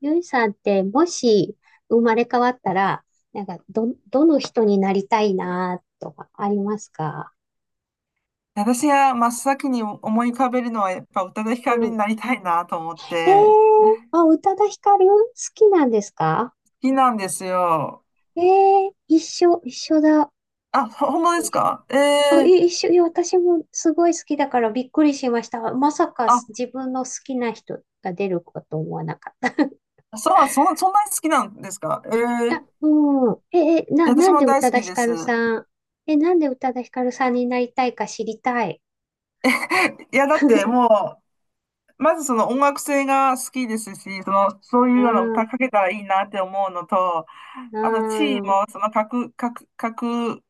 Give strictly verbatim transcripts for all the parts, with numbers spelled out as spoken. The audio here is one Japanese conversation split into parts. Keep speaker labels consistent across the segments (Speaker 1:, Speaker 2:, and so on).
Speaker 1: ゆいさんって、もし生まれ変わったら、なんか、ど、どの人になりたいなとかありますか？
Speaker 2: 私が真っ先に思い浮かべるのはやっぱ宇多田ヒ
Speaker 1: う
Speaker 2: カルに
Speaker 1: ん。
Speaker 2: なりたいなと思っ
Speaker 1: へ
Speaker 2: て、好
Speaker 1: え、あ、宇多田ヒカル好きなんですか？
Speaker 2: きなんですよ。
Speaker 1: ええ、一緒、一緒だ。
Speaker 2: あ、ほ本当です
Speaker 1: 一緒。
Speaker 2: か？え
Speaker 1: あ、い
Speaker 2: え、
Speaker 1: 一緒、いや、私もすごい好きだからびっくりしました。まさか
Speaker 2: あ、
Speaker 1: 自分の好きな人が出ること思わなかった。い
Speaker 2: そう、そん、そんなに好きなんですか？
Speaker 1: や、
Speaker 2: え
Speaker 1: うん。え、え、な、
Speaker 2: え、私
Speaker 1: なん
Speaker 2: も
Speaker 1: で宇
Speaker 2: 大
Speaker 1: 多
Speaker 2: 好
Speaker 1: 田
Speaker 2: き
Speaker 1: ヒ
Speaker 2: で
Speaker 1: カ
Speaker 2: す。
Speaker 1: ルさん、え、なんで宇多田ヒカルさんになりたいか知りたい。
Speaker 2: いや、だってもう、まずその音楽性が好きですし、その、そういうような
Speaker 1: う
Speaker 2: 歌
Speaker 1: ん。
Speaker 2: かけたらいいなって思うのと、
Speaker 1: うー
Speaker 2: あと地位
Speaker 1: ん、
Speaker 2: もその格、格、格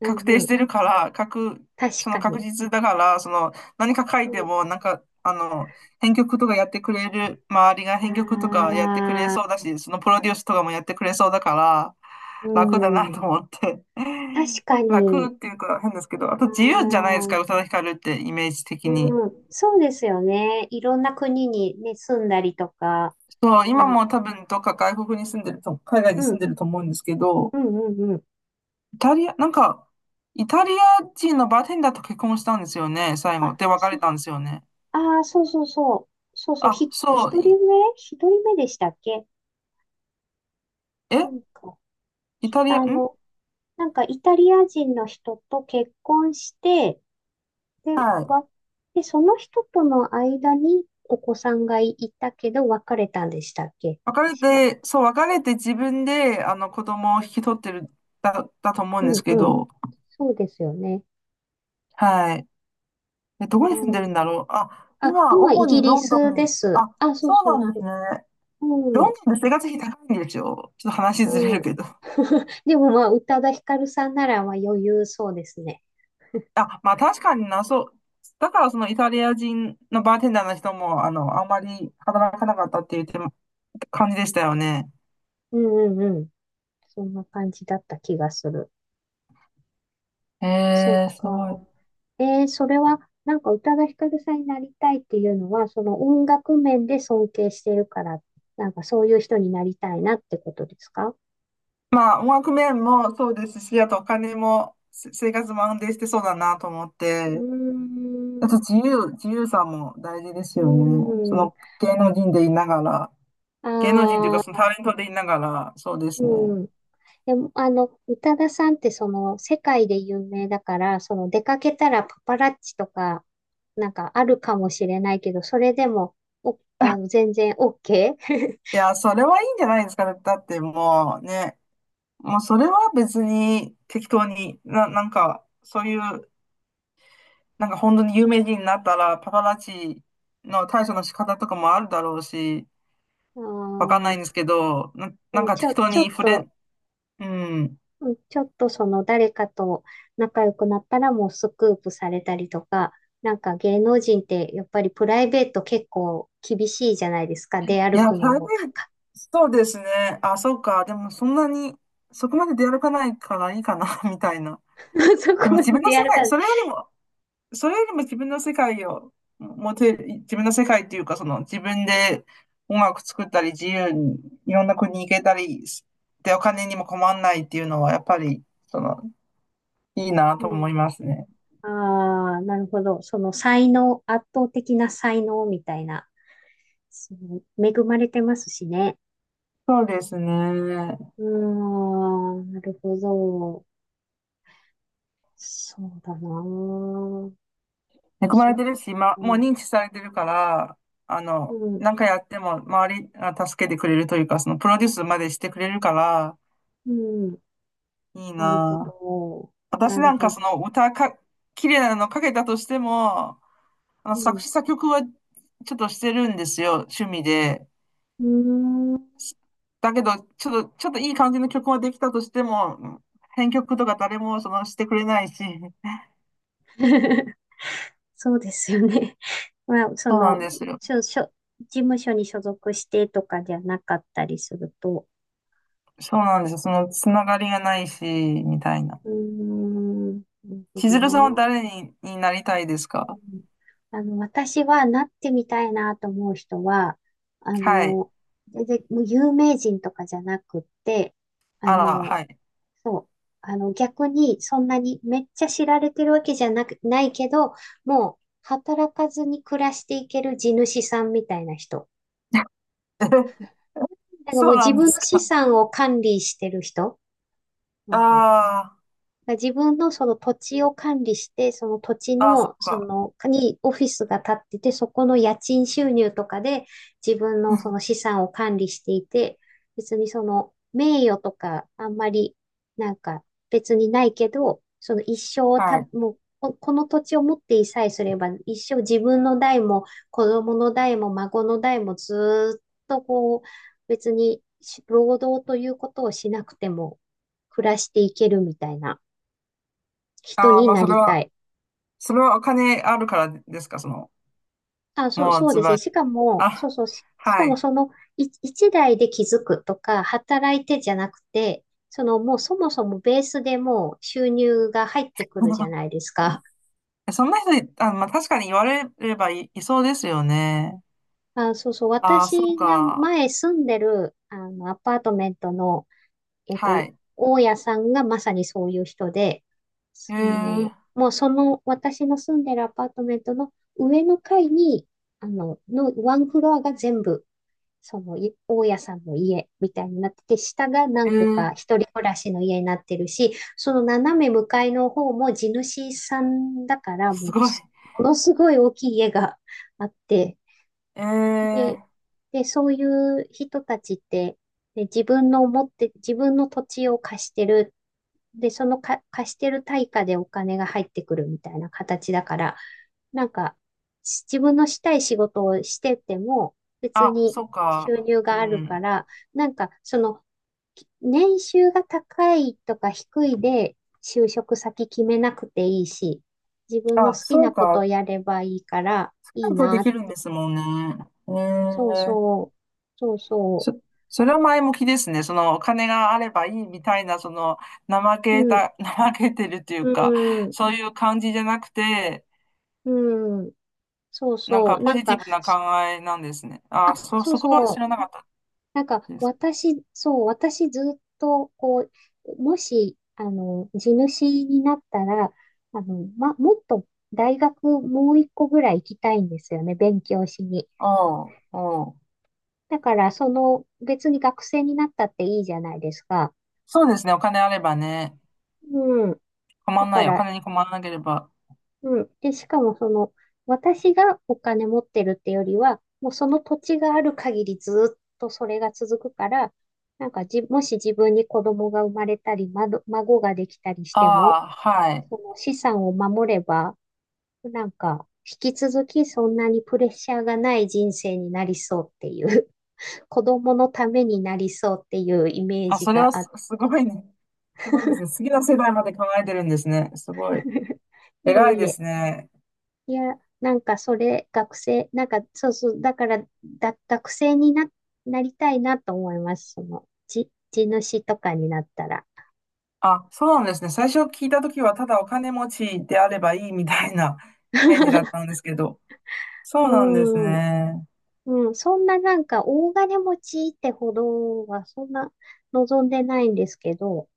Speaker 1: う
Speaker 2: 確
Speaker 1: ん、う
Speaker 2: 定し
Speaker 1: ん。
Speaker 2: てるから、確、
Speaker 1: 確
Speaker 2: その
Speaker 1: か
Speaker 2: 確
Speaker 1: に。
Speaker 2: 実だから、その何か書い
Speaker 1: う
Speaker 2: て
Speaker 1: ん、
Speaker 2: も、なんか、あの、編曲とかやってくれる、周りが編曲とかやってくれ
Speaker 1: あ
Speaker 2: そうだ
Speaker 1: あ、
Speaker 2: し、そのプロデュースとかもやってくれそうだから、
Speaker 1: う
Speaker 2: 楽だなと
Speaker 1: ん。
Speaker 2: 思って。
Speaker 1: 確か
Speaker 2: 楽っ
Speaker 1: に。
Speaker 2: ていうか変ですけど、あ
Speaker 1: あ
Speaker 2: と自由じゃないです
Speaker 1: あ、
Speaker 2: か、宇多田ヒカルってイメージ的に。
Speaker 1: うん。そうですよね。いろんな国にね、住んだりとか。
Speaker 2: そう、
Speaker 1: あ
Speaker 2: 今
Speaker 1: の
Speaker 2: も多分どっか外国に住んでると、海外
Speaker 1: う
Speaker 2: に住ん
Speaker 1: ん、
Speaker 2: でると思うんですけど、
Speaker 1: うん、うん、うん。
Speaker 2: イタリア、なんか、イタリア人のバーテンダーと結婚したんですよね、最
Speaker 1: あ、
Speaker 2: 後。で、別
Speaker 1: そ、
Speaker 2: れたんですよね。
Speaker 1: あー、そうそうそう。そうそう。
Speaker 2: あ、
Speaker 1: ひ、一
Speaker 2: そう、
Speaker 1: 人
Speaker 2: い
Speaker 1: 目一人目でしたっけ？な
Speaker 2: え
Speaker 1: んか、
Speaker 2: イ
Speaker 1: ひ
Speaker 2: タリア、
Speaker 1: あ
Speaker 2: ん、
Speaker 1: の、なんかイタリア人の人と結婚して、で、
Speaker 2: はい。
Speaker 1: わ、で、その人との間にお子さんがいたけど別れたんでしたっけ？
Speaker 2: 別れ
Speaker 1: 確か。
Speaker 2: て、そう、別れて自分で、あの、子供を引き取ってる、だ、だと思う
Speaker 1: う
Speaker 2: んです
Speaker 1: ん、
Speaker 2: け
Speaker 1: うん。
Speaker 2: ど、
Speaker 1: そうですよね。
Speaker 2: はい。え、
Speaker 1: あ
Speaker 2: どこに住んでる
Speaker 1: ー、
Speaker 2: んだろう？あ、
Speaker 1: あ、
Speaker 2: 今、
Speaker 1: 今イ
Speaker 2: 主
Speaker 1: ギ
Speaker 2: に
Speaker 1: リ
Speaker 2: ロンド
Speaker 1: ス
Speaker 2: ン
Speaker 1: で
Speaker 2: に、
Speaker 1: す。
Speaker 2: あ、
Speaker 1: あ、そ
Speaker 2: そ
Speaker 1: う
Speaker 2: う
Speaker 1: そう
Speaker 2: なんで
Speaker 1: そ
Speaker 2: す
Speaker 1: う。
Speaker 2: ね。ロンドンで生活費高いんですよ。ちょっと話
Speaker 1: う
Speaker 2: ずれ
Speaker 1: ん、
Speaker 2: る
Speaker 1: うん。
Speaker 2: けど。
Speaker 1: でもまあ、宇多田ヒカルさんならまあ余裕そうですね。
Speaker 2: あ、まあ確かにな、そう。だから、そのイタリア人のバーテンダーの人も、あの、あんまり働かなかったっていうても感じでしたよね。
Speaker 1: うん、うん、うん。そんな感じだった気がする。
Speaker 2: へ
Speaker 1: そっ
Speaker 2: え、すご
Speaker 1: か。
Speaker 2: い。
Speaker 1: えー、それは、なんか宇多田ヒカルさんになりたいっていうのは、その音楽面で尊敬してるから、なんかそういう人になりたいなってことですか？
Speaker 2: まあ、音楽面もそうですし、あとお金も、せ生活も安定してそうだなと思っ
Speaker 1: うー
Speaker 2: て、あ
Speaker 1: ん、
Speaker 2: と自由、自由さも大事です
Speaker 1: うー
Speaker 2: よね。そ
Speaker 1: ん、
Speaker 2: の芸能人でいながら、芸能人というか
Speaker 1: あ
Speaker 2: その
Speaker 1: あ、
Speaker 2: タレントでいながら、そうですね。
Speaker 1: うん。でも、あの、宇多田さんってその世界で有名だから、その出かけたらパパラッチとか、なんかあるかもしれないけど、それでも、お、あの、全然 OK?
Speaker 2: い や、それはいいんじゃないですかね。だってもうね、もうそれは別に適当に、な、なんか、そういう、なんか本当に有名人になったら、パパラッチの対処の仕方とかもあるだろうし、
Speaker 1: あ
Speaker 2: わかんない
Speaker 1: あ、
Speaker 2: んですけど、な、
Speaker 1: で
Speaker 2: なん
Speaker 1: も
Speaker 2: か
Speaker 1: ち
Speaker 2: 適
Speaker 1: ょ、
Speaker 2: 当
Speaker 1: ちょ
Speaker 2: に
Speaker 1: っ
Speaker 2: フ
Speaker 1: と、
Speaker 2: レ、うん。
Speaker 1: うん、ちょっとその誰かと仲良くなったらもうスクープされたりとか、なんか芸能人ってやっぱりプライベート結構厳しいじゃないですか。出
Speaker 2: い
Speaker 1: 歩
Speaker 2: や、台
Speaker 1: くのもか
Speaker 2: 北、
Speaker 1: か。
Speaker 2: そうですね。あ、そうか。でも、そんなに、そこまで出歩かないからいいかな、みたいな。
Speaker 1: そ
Speaker 2: で
Speaker 1: こ
Speaker 2: も、
Speaker 1: ま
Speaker 2: 自
Speaker 1: で
Speaker 2: 分の
Speaker 1: 出
Speaker 2: 世
Speaker 1: 歩か
Speaker 2: 界、
Speaker 1: ない。
Speaker 2: それよりも、それよりも自分の世界を持てる、自分の世界っていうか、その、自分で音楽作ったり、自由にいろんな国行けたり、で、お金にも困んないっていうのは、やっぱり、その、いいな
Speaker 1: う
Speaker 2: と思
Speaker 1: ん。
Speaker 2: いますね。
Speaker 1: ああ、なるほど。その才能、圧倒的な才能みたいな。その恵まれてますしね。
Speaker 2: そうですね。
Speaker 1: うーん、なるほど。そうだなあ。
Speaker 2: 恵ま
Speaker 1: そ
Speaker 2: れ
Speaker 1: う
Speaker 2: てるし、ま、もう
Speaker 1: か。
Speaker 2: 認知されてるから、あの、
Speaker 1: うん、
Speaker 2: なんかやっても周りが助けてくれるというか、そのプロデュースまでしてくれるから、
Speaker 1: うん。
Speaker 2: いい
Speaker 1: なるほ
Speaker 2: なぁ。
Speaker 1: ど。
Speaker 2: 私
Speaker 1: なる
Speaker 2: なんか
Speaker 1: ほ
Speaker 2: そ
Speaker 1: ど。
Speaker 2: の歌か、綺麗なのかけたとしても、あの
Speaker 1: う
Speaker 2: 作
Speaker 1: ん。
Speaker 2: 詞作曲はちょっとしてるんですよ、趣味で。
Speaker 1: うーん。
Speaker 2: だけど、ちょっと、ちょっといい感じの曲ができたとしても、編曲とか誰もそのしてくれないし、
Speaker 1: そうですよね。まあ、そ
Speaker 2: そうなん
Speaker 1: の、
Speaker 2: ですよ。
Speaker 1: しょ、しょ、事務所に所属してとかじゃなかったりすると。
Speaker 2: そうなんですよ。そのつながりがないし、みたいな。
Speaker 1: うーん。なるほ
Speaker 2: 千
Speaker 1: ど
Speaker 2: 鶴
Speaker 1: な。
Speaker 2: さんは
Speaker 1: う
Speaker 2: 誰に、になりたいですか？
Speaker 1: ん。あの、私はなってみたいなと思う人は、あ
Speaker 2: はい。
Speaker 1: の、全然もう有名人とかじゃなくって、あ
Speaker 2: あら、
Speaker 1: の、
Speaker 2: はい。
Speaker 1: そう。あの、逆に、そんなにめっちゃ知られてるわけじゃなく、ないけど、もう、働かずに暮らしていける地主さんみたいな人。なんかもう
Speaker 2: そうな
Speaker 1: 自
Speaker 2: んで
Speaker 1: 分
Speaker 2: す
Speaker 1: の資
Speaker 2: か。
Speaker 1: 産を管理してる人。うん。
Speaker 2: あ
Speaker 1: だ自分のその土地を管理して、その土地
Speaker 2: あ、ああ、そ
Speaker 1: の、
Speaker 2: っ
Speaker 1: そ
Speaker 2: か。
Speaker 1: の、にオフィスが建ってて、そこの家賃収入とかで自分のその 資産を管理していて、別にその名誉とかあんまりなんか別にないけど、その一生をた、
Speaker 2: はい。
Speaker 1: もうここの土地を持っていさえすれば、一生自分の代も子供の代も孫の代もずーっとこう、別に労働ということをしなくても暮らしていけるみたいな。人
Speaker 2: ああ、
Speaker 1: に
Speaker 2: まあ、
Speaker 1: な
Speaker 2: それ
Speaker 1: りた
Speaker 2: は、
Speaker 1: い。
Speaker 2: それはお金あるからですか、その、
Speaker 1: あ、そう、
Speaker 2: もう
Speaker 1: そう
Speaker 2: ズ
Speaker 1: ですね。
Speaker 2: バリ。
Speaker 1: しかも、そう
Speaker 2: あ、
Speaker 1: そう、し、し
Speaker 2: は
Speaker 1: かも
Speaker 2: い。
Speaker 1: そのい一台で気づくとか、働いてじゃなくて、そのもうそもそもベースでもう収入が入ってくるじゃない ですか。
Speaker 2: そんな人い、あ、まあ、確かに言われればい、いそうですよね。
Speaker 1: あ、そうそう、
Speaker 2: ああ、そう
Speaker 1: 私が
Speaker 2: か。
Speaker 1: 前住んでる、あの、アパートメントの、えっと、
Speaker 2: はい。
Speaker 1: 大家さんがまさにそういう人で、
Speaker 2: え
Speaker 1: そ
Speaker 2: ー、
Speaker 1: の、もうその、私の住んでるアパートメントの上の階に、あの、のワンフロアが全部その、い大家さんの家みたいになってて、下が
Speaker 2: え
Speaker 1: 何個か
Speaker 2: ー、
Speaker 1: 一人暮らしの家になってるし、その斜め向かいの方も地主さんだから、も
Speaker 2: す
Speaker 1: う
Speaker 2: ごい。
Speaker 1: つ、ものすごい大きい家があって、
Speaker 2: え
Speaker 1: で、
Speaker 2: ー、
Speaker 1: で、そういう人たちって、で自分の持って、自分の土地を貸してる。で、そのか貸してる対価でお金が入ってくるみたいな形だから、なんか、し自分のしたい仕事をしてても、別
Speaker 2: あ、
Speaker 1: に
Speaker 2: そう
Speaker 1: 収
Speaker 2: か。
Speaker 1: 入
Speaker 2: う
Speaker 1: があるか
Speaker 2: ん。
Speaker 1: ら、なんか、その、き年収が高いとか低いで、就職先決めなくていいし、自分の
Speaker 2: あ、
Speaker 1: 好き
Speaker 2: そ
Speaker 1: な
Speaker 2: う
Speaker 1: こと
Speaker 2: か。
Speaker 1: をやればいいから、
Speaker 2: そうな
Speaker 1: いい
Speaker 2: るとで
Speaker 1: なっ
Speaker 2: きるんで
Speaker 1: て。
Speaker 2: すもんね。え
Speaker 1: そう
Speaker 2: え、
Speaker 1: そう。そうそ
Speaker 2: そ、それは前向きですね。そのお金があればいいみたいな、その怠
Speaker 1: う。
Speaker 2: け
Speaker 1: うん。
Speaker 2: た、怠けてるってい
Speaker 1: う
Speaker 2: うか、
Speaker 1: ん。
Speaker 2: そういう感じじゃなくて、
Speaker 1: うん。そう
Speaker 2: なん
Speaker 1: そ
Speaker 2: か
Speaker 1: う。
Speaker 2: ポ
Speaker 1: なん
Speaker 2: ジティ
Speaker 1: か、
Speaker 2: ブな考えなんですね。
Speaker 1: あ、
Speaker 2: あ、そ、
Speaker 1: そう
Speaker 2: そこは知
Speaker 1: そ
Speaker 2: らな
Speaker 1: う。
Speaker 2: かっ
Speaker 1: なんか、
Speaker 2: たです。
Speaker 1: 私、そう、私ずっと、こう、もし、あの、地主になったら、あの、ま、もっと大学もう一個ぐらい行きたいんですよね、勉強しに。
Speaker 2: おう、おう。
Speaker 1: だから、その、別に学生になったっていいじゃないですか。
Speaker 2: そうですね。お金あればね、
Speaker 1: うん。
Speaker 2: 困
Speaker 1: だ
Speaker 2: ん
Speaker 1: か
Speaker 2: ない。お
Speaker 1: ら、
Speaker 2: 金に困らなければ。
Speaker 1: うん。で、しかもその、私がお金持ってるってよりは、もうその土地がある限りずっとそれが続くから、なんかじ、もし自分に子供が生まれたり、まど、孫ができたりし
Speaker 2: あ
Speaker 1: ても、
Speaker 2: あ、はい。
Speaker 1: その資産を守れば、なんか、引き続きそんなにプレッシャーがない人生になりそうっていう、子供のためになりそうっていうイメー
Speaker 2: あ、
Speaker 1: ジ
Speaker 2: それは
Speaker 1: があっ
Speaker 2: す、
Speaker 1: て、
Speaker 2: すごいね。すごいですね。次の世代まで考えてるんですね。すごい。
Speaker 1: いえ
Speaker 2: 偉い
Speaker 1: い
Speaker 2: で
Speaker 1: え。
Speaker 2: すね。
Speaker 1: いや、なんかそれ、学生、なんかそうそう、だから、だ、学生にな、なりたいなと思います。その、じ、地主とかになったら。
Speaker 2: あ、そうなんですね。最初聞いたときは、ただお金持ちであればいいみたいな イメージだったん ですけど。そうなんです
Speaker 1: うん、
Speaker 2: ね。
Speaker 1: うん、そんななんか大金持ちってほどは、そんな望んでないんですけど、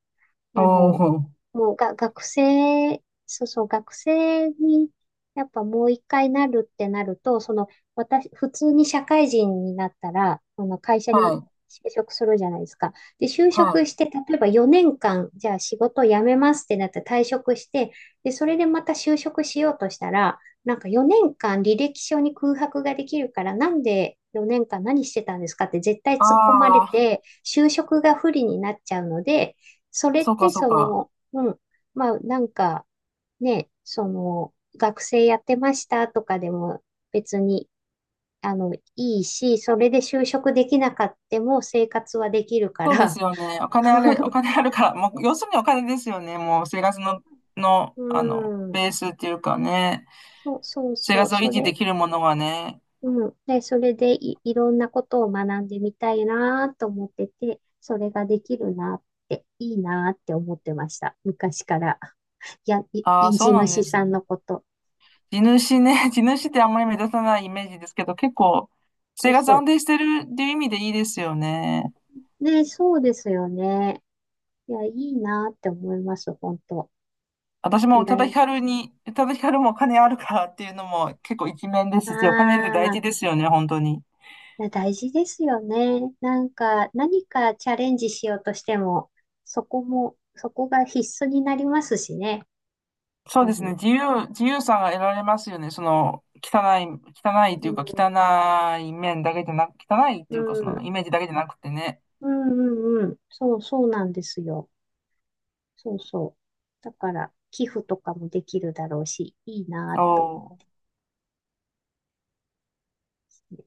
Speaker 2: お
Speaker 1: あの、
Speaker 2: お、
Speaker 1: もうが、学生、そうそう、学生に、やっぱもう一回なるってなると、その、私、普通に社会人になったら、あの、会社
Speaker 2: は
Speaker 1: に
Speaker 2: い、
Speaker 1: 就職するじゃないですか。で、就
Speaker 2: は
Speaker 1: 職
Speaker 2: い。
Speaker 1: して、例えばよねんかん、じゃあ仕事を辞めますってなって退職して、で、それでまた就職しようとしたら、なんかよねんかん履歴書に空白ができるから、なんでよねんかん何してたんですかって絶対
Speaker 2: あ
Speaker 1: 突っ込まれ
Speaker 2: あ、
Speaker 1: て、就職が不利になっちゃうので、それっ
Speaker 2: そうか、
Speaker 1: て
Speaker 2: そう
Speaker 1: そ
Speaker 2: か。
Speaker 1: の、うん、まあなんかね、その学生やってましたとかでも別にあのいいし、それで就職できなかっても生活はできるか
Speaker 2: そうです
Speaker 1: ら。
Speaker 2: よね。お金あれ、お 金あるから、もう、要するにお金ですよね。もう、生活の、の、
Speaker 1: う
Speaker 2: あの、
Speaker 1: ん、
Speaker 2: ベースっていうかね、
Speaker 1: そうそう
Speaker 2: 生
Speaker 1: そう、
Speaker 2: 活を
Speaker 1: そ
Speaker 2: 維持で
Speaker 1: れ、
Speaker 2: きるものはね。
Speaker 1: うん。で、それでい、いろんなことを学んでみたいなと思ってて、それができるなって、いいなって思ってました。昔から。や、い、
Speaker 2: ああ、
Speaker 1: 人
Speaker 2: そう
Speaker 1: 事
Speaker 2: なん
Speaker 1: 主
Speaker 2: です
Speaker 1: さん
Speaker 2: ね。
Speaker 1: のこと。
Speaker 2: 地主ね、地主ってあんまり目立たないイメージですけど、結構、
Speaker 1: そ
Speaker 2: 生
Speaker 1: う
Speaker 2: 活
Speaker 1: そ
Speaker 2: 安
Speaker 1: う。
Speaker 2: 定してるっていう意味でいいですよね。
Speaker 1: ね、そうですよね。いや、いいなって思います、本当。
Speaker 2: 私も
Speaker 1: 羨
Speaker 2: 宇多田
Speaker 1: や
Speaker 2: ヒカルに、宇多田ヒカルもお金あるからっていうのも結構一面で
Speaker 1: あ
Speaker 2: すし、お金って大事
Speaker 1: あ、
Speaker 2: ですよね、本当に。
Speaker 1: いや大事ですよね。なんか、何かチャレンジしようとしても、そこも、そこが必須になりますしね。
Speaker 2: そう
Speaker 1: あ
Speaker 2: ですね、
Speaker 1: の、
Speaker 2: 自由、自由さが得られますよね、その、汚い、汚い
Speaker 1: う
Speaker 2: というか、
Speaker 1: ん、
Speaker 2: 汚い面だけじゃなく、汚いっ
Speaker 1: う
Speaker 2: ていうか、その、
Speaker 1: ん、
Speaker 2: イメージだけじゃなくてね。
Speaker 1: うん、うん、うん。そう、そうなんですよ。そうそう。だから、寄付とかもできるだろうし、いいな
Speaker 2: お
Speaker 1: と思いま
Speaker 2: ー
Speaker 1: すね。